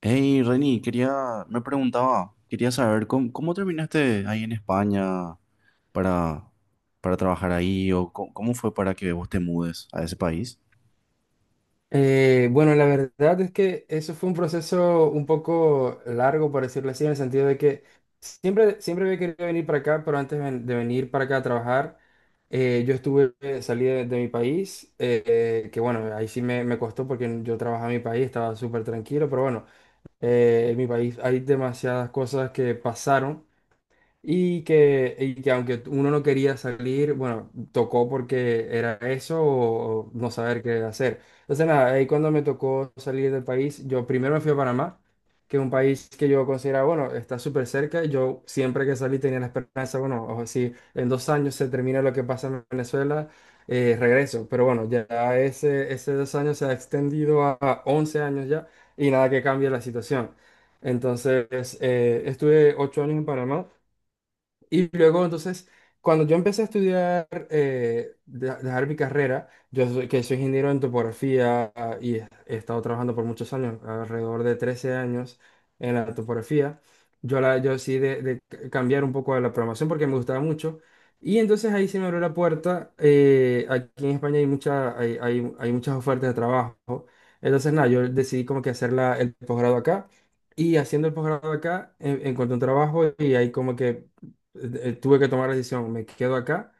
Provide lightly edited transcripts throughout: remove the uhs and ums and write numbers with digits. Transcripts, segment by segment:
Hey, Reni, me preguntaba, quería saber cómo terminaste ahí en España para, para trabajar ahí o cómo fue para que vos te mudes a ese país. Bueno, la verdad es que eso fue un proceso un poco largo, por decirlo así, en el sentido de que siempre había querido venir para acá, pero antes de venir para acá a trabajar, yo estuve, salí de mi país, que bueno, ahí sí me costó porque yo trabajaba en mi país, estaba súper tranquilo, pero bueno, en mi país hay demasiadas cosas que pasaron y que aunque uno no quería salir, bueno, tocó porque era eso o no saber qué hacer. Entonces, nada, ahí cuando me tocó salir del país, yo primero me fui a Panamá, que es un país que yo consideraba, bueno, está súper cerca. Yo siempre que salí tenía la esperanza, bueno, o si en 2 años se termina lo que pasa en Venezuela, regreso. Pero bueno, ya ese dos años se ha extendido a 11 años ya y nada que cambie la situación. Entonces, estuve 8 años en Panamá. Y luego, entonces, cuando yo empecé a estudiar, dejar mi carrera, que soy ingeniero en topografía, ah, y he estado trabajando por muchos años, alrededor de 13 años en la topografía, yo decidí cambiar un poco de la programación porque me gustaba mucho. Y entonces ahí se me abrió la puerta. Aquí en España hay muchas ofertas de trabajo. Entonces, nada, yo decidí como que hacer el posgrado acá. Y haciendo el posgrado acá, encontré un trabajo y ahí como que tuve que tomar la decisión, me quedo acá.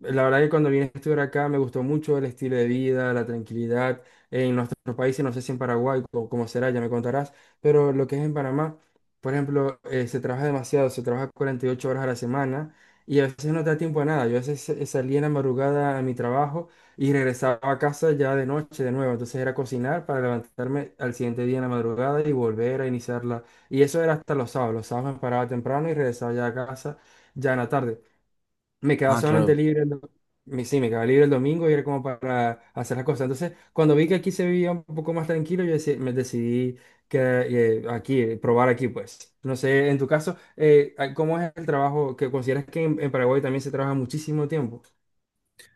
La verdad que cuando vine a estudiar acá me gustó mucho el estilo de vida, la tranquilidad. En nuestros países, no sé si en Paraguay o cómo será, ya me contarás, pero lo que es en Panamá, por ejemplo, se trabaja demasiado, se trabaja 48 horas a la semana y a veces no te da tiempo a nada. Yo a veces salía en la madrugada a mi trabajo y regresaba a casa ya de noche de nuevo. Entonces era cocinar para levantarme al siguiente día en la madrugada y volver a iniciarla. Y eso era hasta los sábados. Los sábados me paraba temprano y regresaba ya a casa ya en la tarde, me quedaba Ah, solamente claro. libre sí, me quedaba libre el domingo y era como para hacer las cosas. Entonces, cuando vi que aquí se vivía un poco más tranquilo, me decidí que probar aquí, pues. No sé, en tu caso, ¿cómo es el trabajo que consideras que en Paraguay también se trabaja muchísimo tiempo?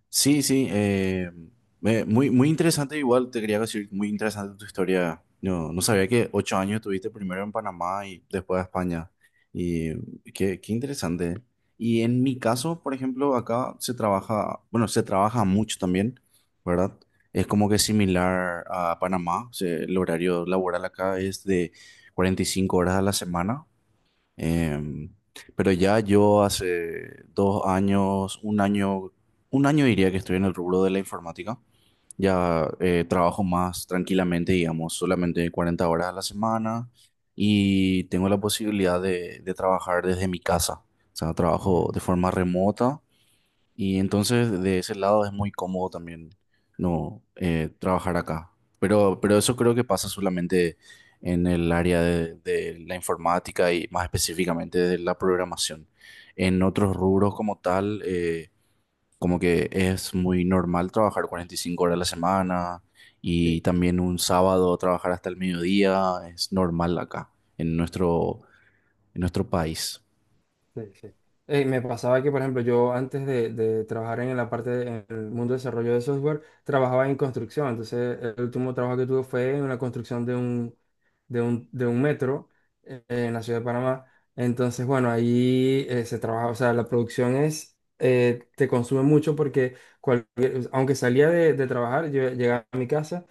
Sí, sí, muy, muy interesante igual, te quería decir, muy interesante tu historia. No, no sabía que ocho años estuviste primero en Panamá y después a España. Y qué interesante. Y en mi caso, por ejemplo, acá se trabaja, bueno, se trabaja mucho también, ¿verdad? Es como que similar a Panamá, o sea, el horario laboral acá es de 45 horas a la semana. Em, pero ya yo hace un año diría que estoy en el rubro de la informática. Ya trabajo más tranquilamente, digamos, solamente 40 horas a la semana y tengo la posibilidad de trabajar desde mi casa. O sea, trabajo Ujú. de forma remota y entonces de ese lado es muy cómodo también no trabajar acá. Pero eso creo que pasa solamente en el área de la informática y más específicamente de la programación. En otros rubros como tal, como que es muy normal trabajar 45 horas a la semana y también un sábado trabajar hasta el mediodía, es normal acá en en nuestro país. Sí, sí. Me pasaba que, por ejemplo, yo antes de trabajar en en el mundo de desarrollo de software, trabajaba en construcción. Entonces, el último trabajo que tuve fue en una construcción de un metro en la ciudad de Panamá. Entonces, bueno, ahí se trabaja, o sea, la producción es, te consume mucho porque cualquier- aunque salía de trabajar, yo llegaba a mi casa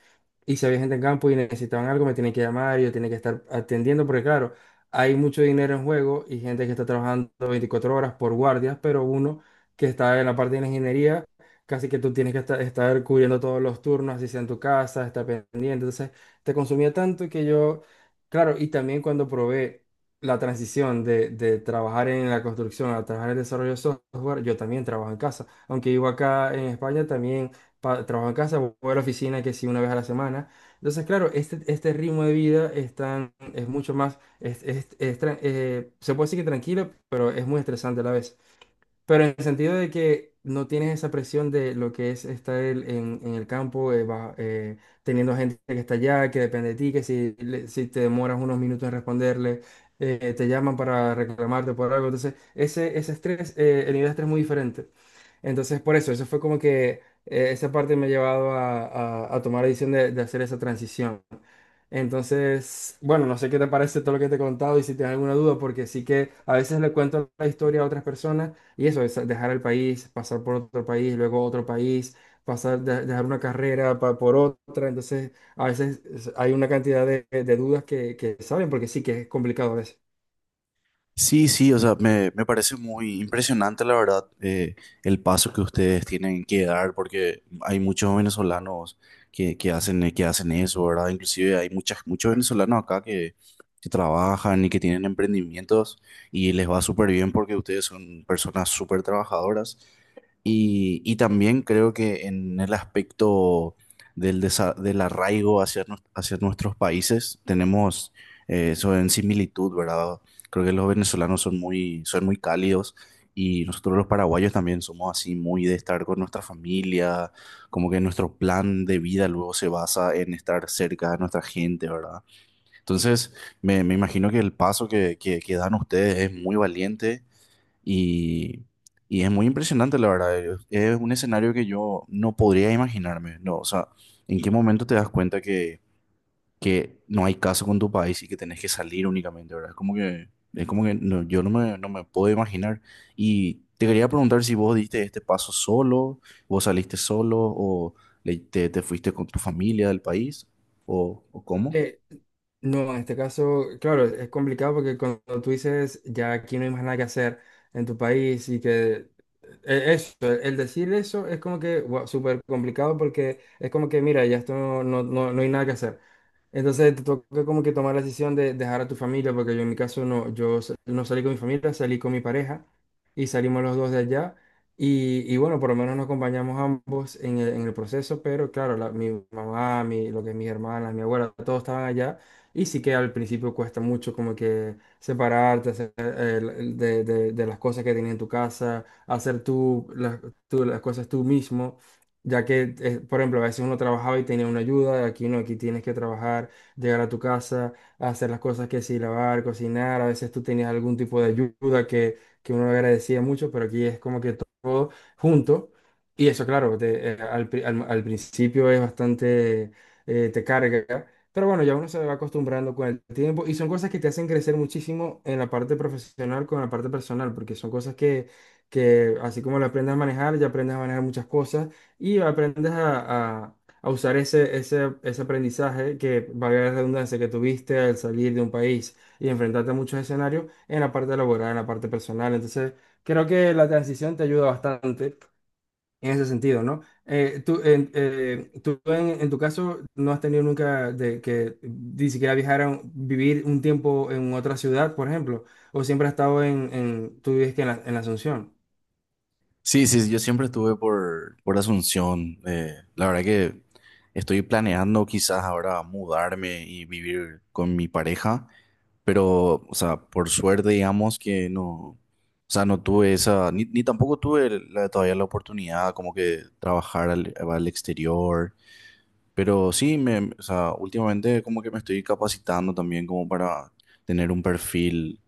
y si había gente en campo y necesitaban algo, me tienen que llamar y yo tenía que estar atendiendo, porque claro, hay mucho dinero en juego y gente que está trabajando 24 horas por guardias, pero uno que está en la parte de la ingeniería, casi que tú tienes que estar cubriendo todos los turnos, así sea en tu casa, estar pendiente. Entonces, te consumía tanto que yo, claro, y también cuando probé la transición de trabajar en la construcción a trabajar en el desarrollo de software, yo también trabajo en casa. Aunque vivo acá en España, también trabajo en casa, voy a la oficina que sí una vez a la semana. Entonces, claro, este ritmo de vida es mucho más se puede decir que tranquilo, pero es muy estresante a la vez. Pero en el sentido de que no tienes esa presión de lo que es estar en el campo, teniendo gente que está allá, que depende de ti, que si te demoras unos minutos en responderle, te llaman para reclamarte por algo. Entonces, ese estrés, el nivel de estrés es muy diferente. Entonces, por eso, eso fue como que esa parte me ha llevado a tomar la decisión de hacer esa transición. Entonces, bueno, no sé qué te parece todo lo que te he contado y si tienes alguna duda, porque sí que a veces le cuento la historia a otras personas y eso, es dejar el país, pasar por otro país, luego otro país, pasar, dejar una carrera por otra. Entonces, a veces es- hay una cantidad de dudas que saben, porque sí que es complicado a veces. Sí, sí, o sea, me parece muy impresionante, la verdad, el paso que ustedes tienen que dar, porque hay muchos venezolanos que hacen eso, ¿verdad? Inclusive hay muchas, muchos venezolanos acá que trabajan y que tienen emprendimientos y les va súper bien porque ustedes son personas súper trabajadoras. Y también creo que en el aspecto del arraigo hacia nuestros países, tenemos eso en similitud, ¿verdad? Creo que los venezolanos son muy cálidos y nosotros los paraguayos también somos así muy de estar con nuestra familia, como que nuestro plan de vida luego se basa en estar cerca de nuestra gente, ¿verdad? Entonces, me imagino que el paso que dan ustedes es muy valiente y, y es muy impresionante, la verdad. Es un escenario que yo no podría imaginarme, ¿no? O sea, ¿en qué momento te das cuenta que no hay caso con tu país y que tenés que salir únicamente, ¿verdad? Es como que yo no no me puedo imaginar. Y te quería preguntar si vos diste este paso solo, vos saliste solo o te fuiste con tu familia del país o cómo. Eh, no, en este caso, claro, es complicado porque cuando tú dices ya aquí no hay más nada que hacer en tu país y que eso, el decir eso es como que wow, súper complicado porque es como que mira, ya esto no, no, no hay nada que hacer. Entonces te toca como que tomar la decisión de dejar a tu familia, porque yo en mi caso no, no salí con mi familia, salí con mi pareja y salimos los dos de allá. Y bueno, por lo menos nos acompañamos ambos en en el proceso, pero claro, mi mamá, mi, lo que es mis hermanas, mi abuela, todos estaban allá. Y sí que al principio cuesta mucho como que separarte hacer, de las cosas que tienes en tu casa, hacer tú las cosas tú mismo. Ya que, por ejemplo, a veces uno trabajaba y tenía una ayuda, aquí no, aquí tienes que trabajar, llegar a tu casa, hacer las cosas que sí, lavar, cocinar, a veces tú tenías algún tipo de ayuda que uno agradecía mucho, pero aquí es como que todo junto. Y eso, claro, al principio es bastante, te carga, pero bueno, ya uno se va acostumbrando con el tiempo y son cosas que te hacen crecer muchísimo en la parte profesional con la parte personal, porque son cosas que así como lo aprendes a manejar, ya aprendes a manejar muchas cosas y aprendes a usar ese aprendizaje que, valga la redundancia, que tuviste al salir de un país y enfrentarte a muchos escenarios en la parte laboral, en la parte personal. Entonces, creo que la transición te ayuda bastante en ese sentido, ¿no? En tu caso no has tenido nunca de que ni siquiera vivir un tiempo en otra ciudad, por ejemplo, o siempre has estado en tú vives que en la Asunción. Sí, sí, sí, yo siempre estuve por Asunción. La verdad que estoy planeando quizás ahora mudarme y vivir con mi pareja, pero, o sea, por suerte digamos que no, o sea, no tuve esa, ni tampoco tuve todavía la oportunidad como que trabajar al exterior, pero sí, o sea, últimamente como que me estoy capacitando también como para tener un perfil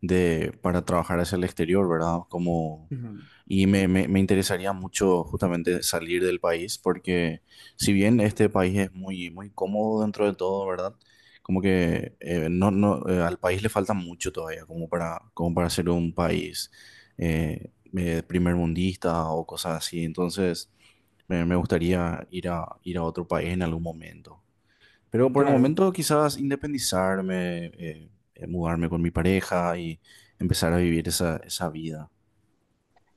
para trabajar hacia el exterior, ¿verdad? Como, Ujú. y me interesaría mucho justamente salir del país, porque si bien este país es muy, muy cómodo dentro de todo, ¿verdad? Como que no, no, al país le falta mucho todavía, como para, como para ser un país primermundista o cosas así. Entonces, me gustaría ir ir a otro país en algún momento. Pero por el Claro. momento quizás independizarme, mudarme con mi pareja y empezar a vivir esa, esa vida.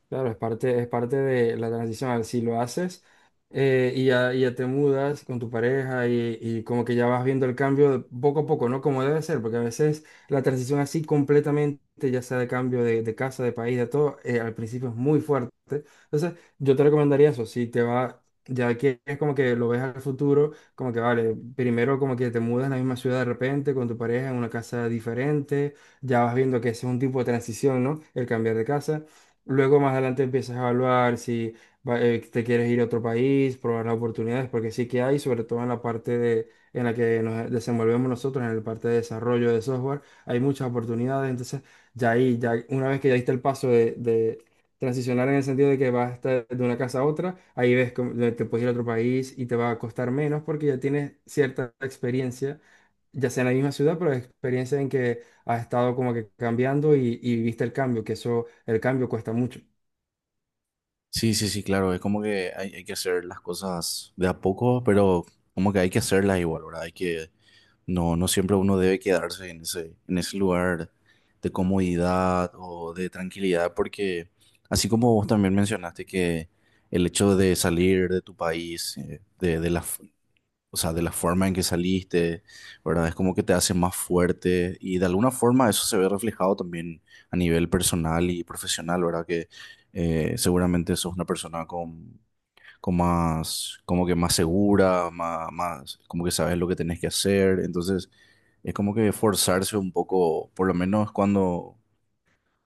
Claro, es parte de la transición. A ver, si lo haces, y ya te mudas con tu pareja y como que ya vas viendo el cambio de poco a poco, ¿no? Como debe ser, porque a veces la transición así completamente, ya sea de cambio de casa, de país, de todo, al principio es muy fuerte. Entonces, yo te recomendaría eso. Si te va, ya que es como que lo ves al futuro, como que vale, primero como que te mudas en la misma ciudad de repente con tu pareja en una casa diferente, ya vas viendo que ese es un tipo de transición, ¿no? El cambiar de casa. Luego más adelante empiezas a evaluar si te quieres ir a otro país, probar las oportunidades, porque sí que hay, sobre todo en la parte de, en la que nos desenvolvemos nosotros, en la parte de desarrollo de software, hay muchas oportunidades. Entonces, ya ahí, ya una vez que ya diste el paso de transicionar en el sentido de que vas a estar de una casa a otra, ahí ves cómo- te puedes ir a otro país y te va a costar menos porque ya tienes cierta experiencia ya sea en la misma ciudad, pero experiencia en que has estado como que cambiando y viste el cambio, que eso, el cambio cuesta mucho. Sí, sí, sí, claro, es como que hay que hacer las cosas de a poco, pero como que hay que hacerlas igual, ¿verdad? Hay que, no, no siempre uno debe quedarse en ese lugar de comodidad o de tranquilidad, porque así como vos también mencionaste que el hecho de salir de tu país, de la, o sea, de la forma en que saliste, ¿verdad? Es como que te hace más fuerte y de alguna forma eso se ve reflejado también a nivel personal y profesional, ¿verdad? Que seguramente sos una persona con más, como que más segura, más, más, como que sabes lo que tenés que hacer, entonces es como que forzarse un poco, por lo menos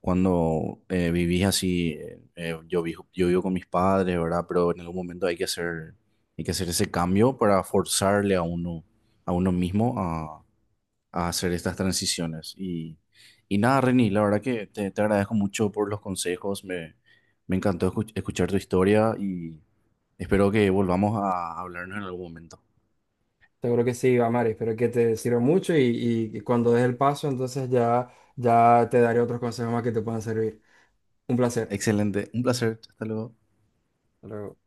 cuando vivís así, yo vivo con mis padres, ¿verdad? Pero en algún momento hay que hacer ese cambio para forzarle a uno mismo a hacer estas transiciones. Y nada, Reni, la verdad que te agradezco mucho por los consejos, me encantó escuchar tu historia y espero que volvamos a hablarnos en algún momento. Seguro que sí, Amari, espero que te sirva mucho y, y cuando des el paso, entonces ya, ya te daré otros consejos más que te puedan servir. Un placer. Excelente, un placer, hasta luego. Hasta luego.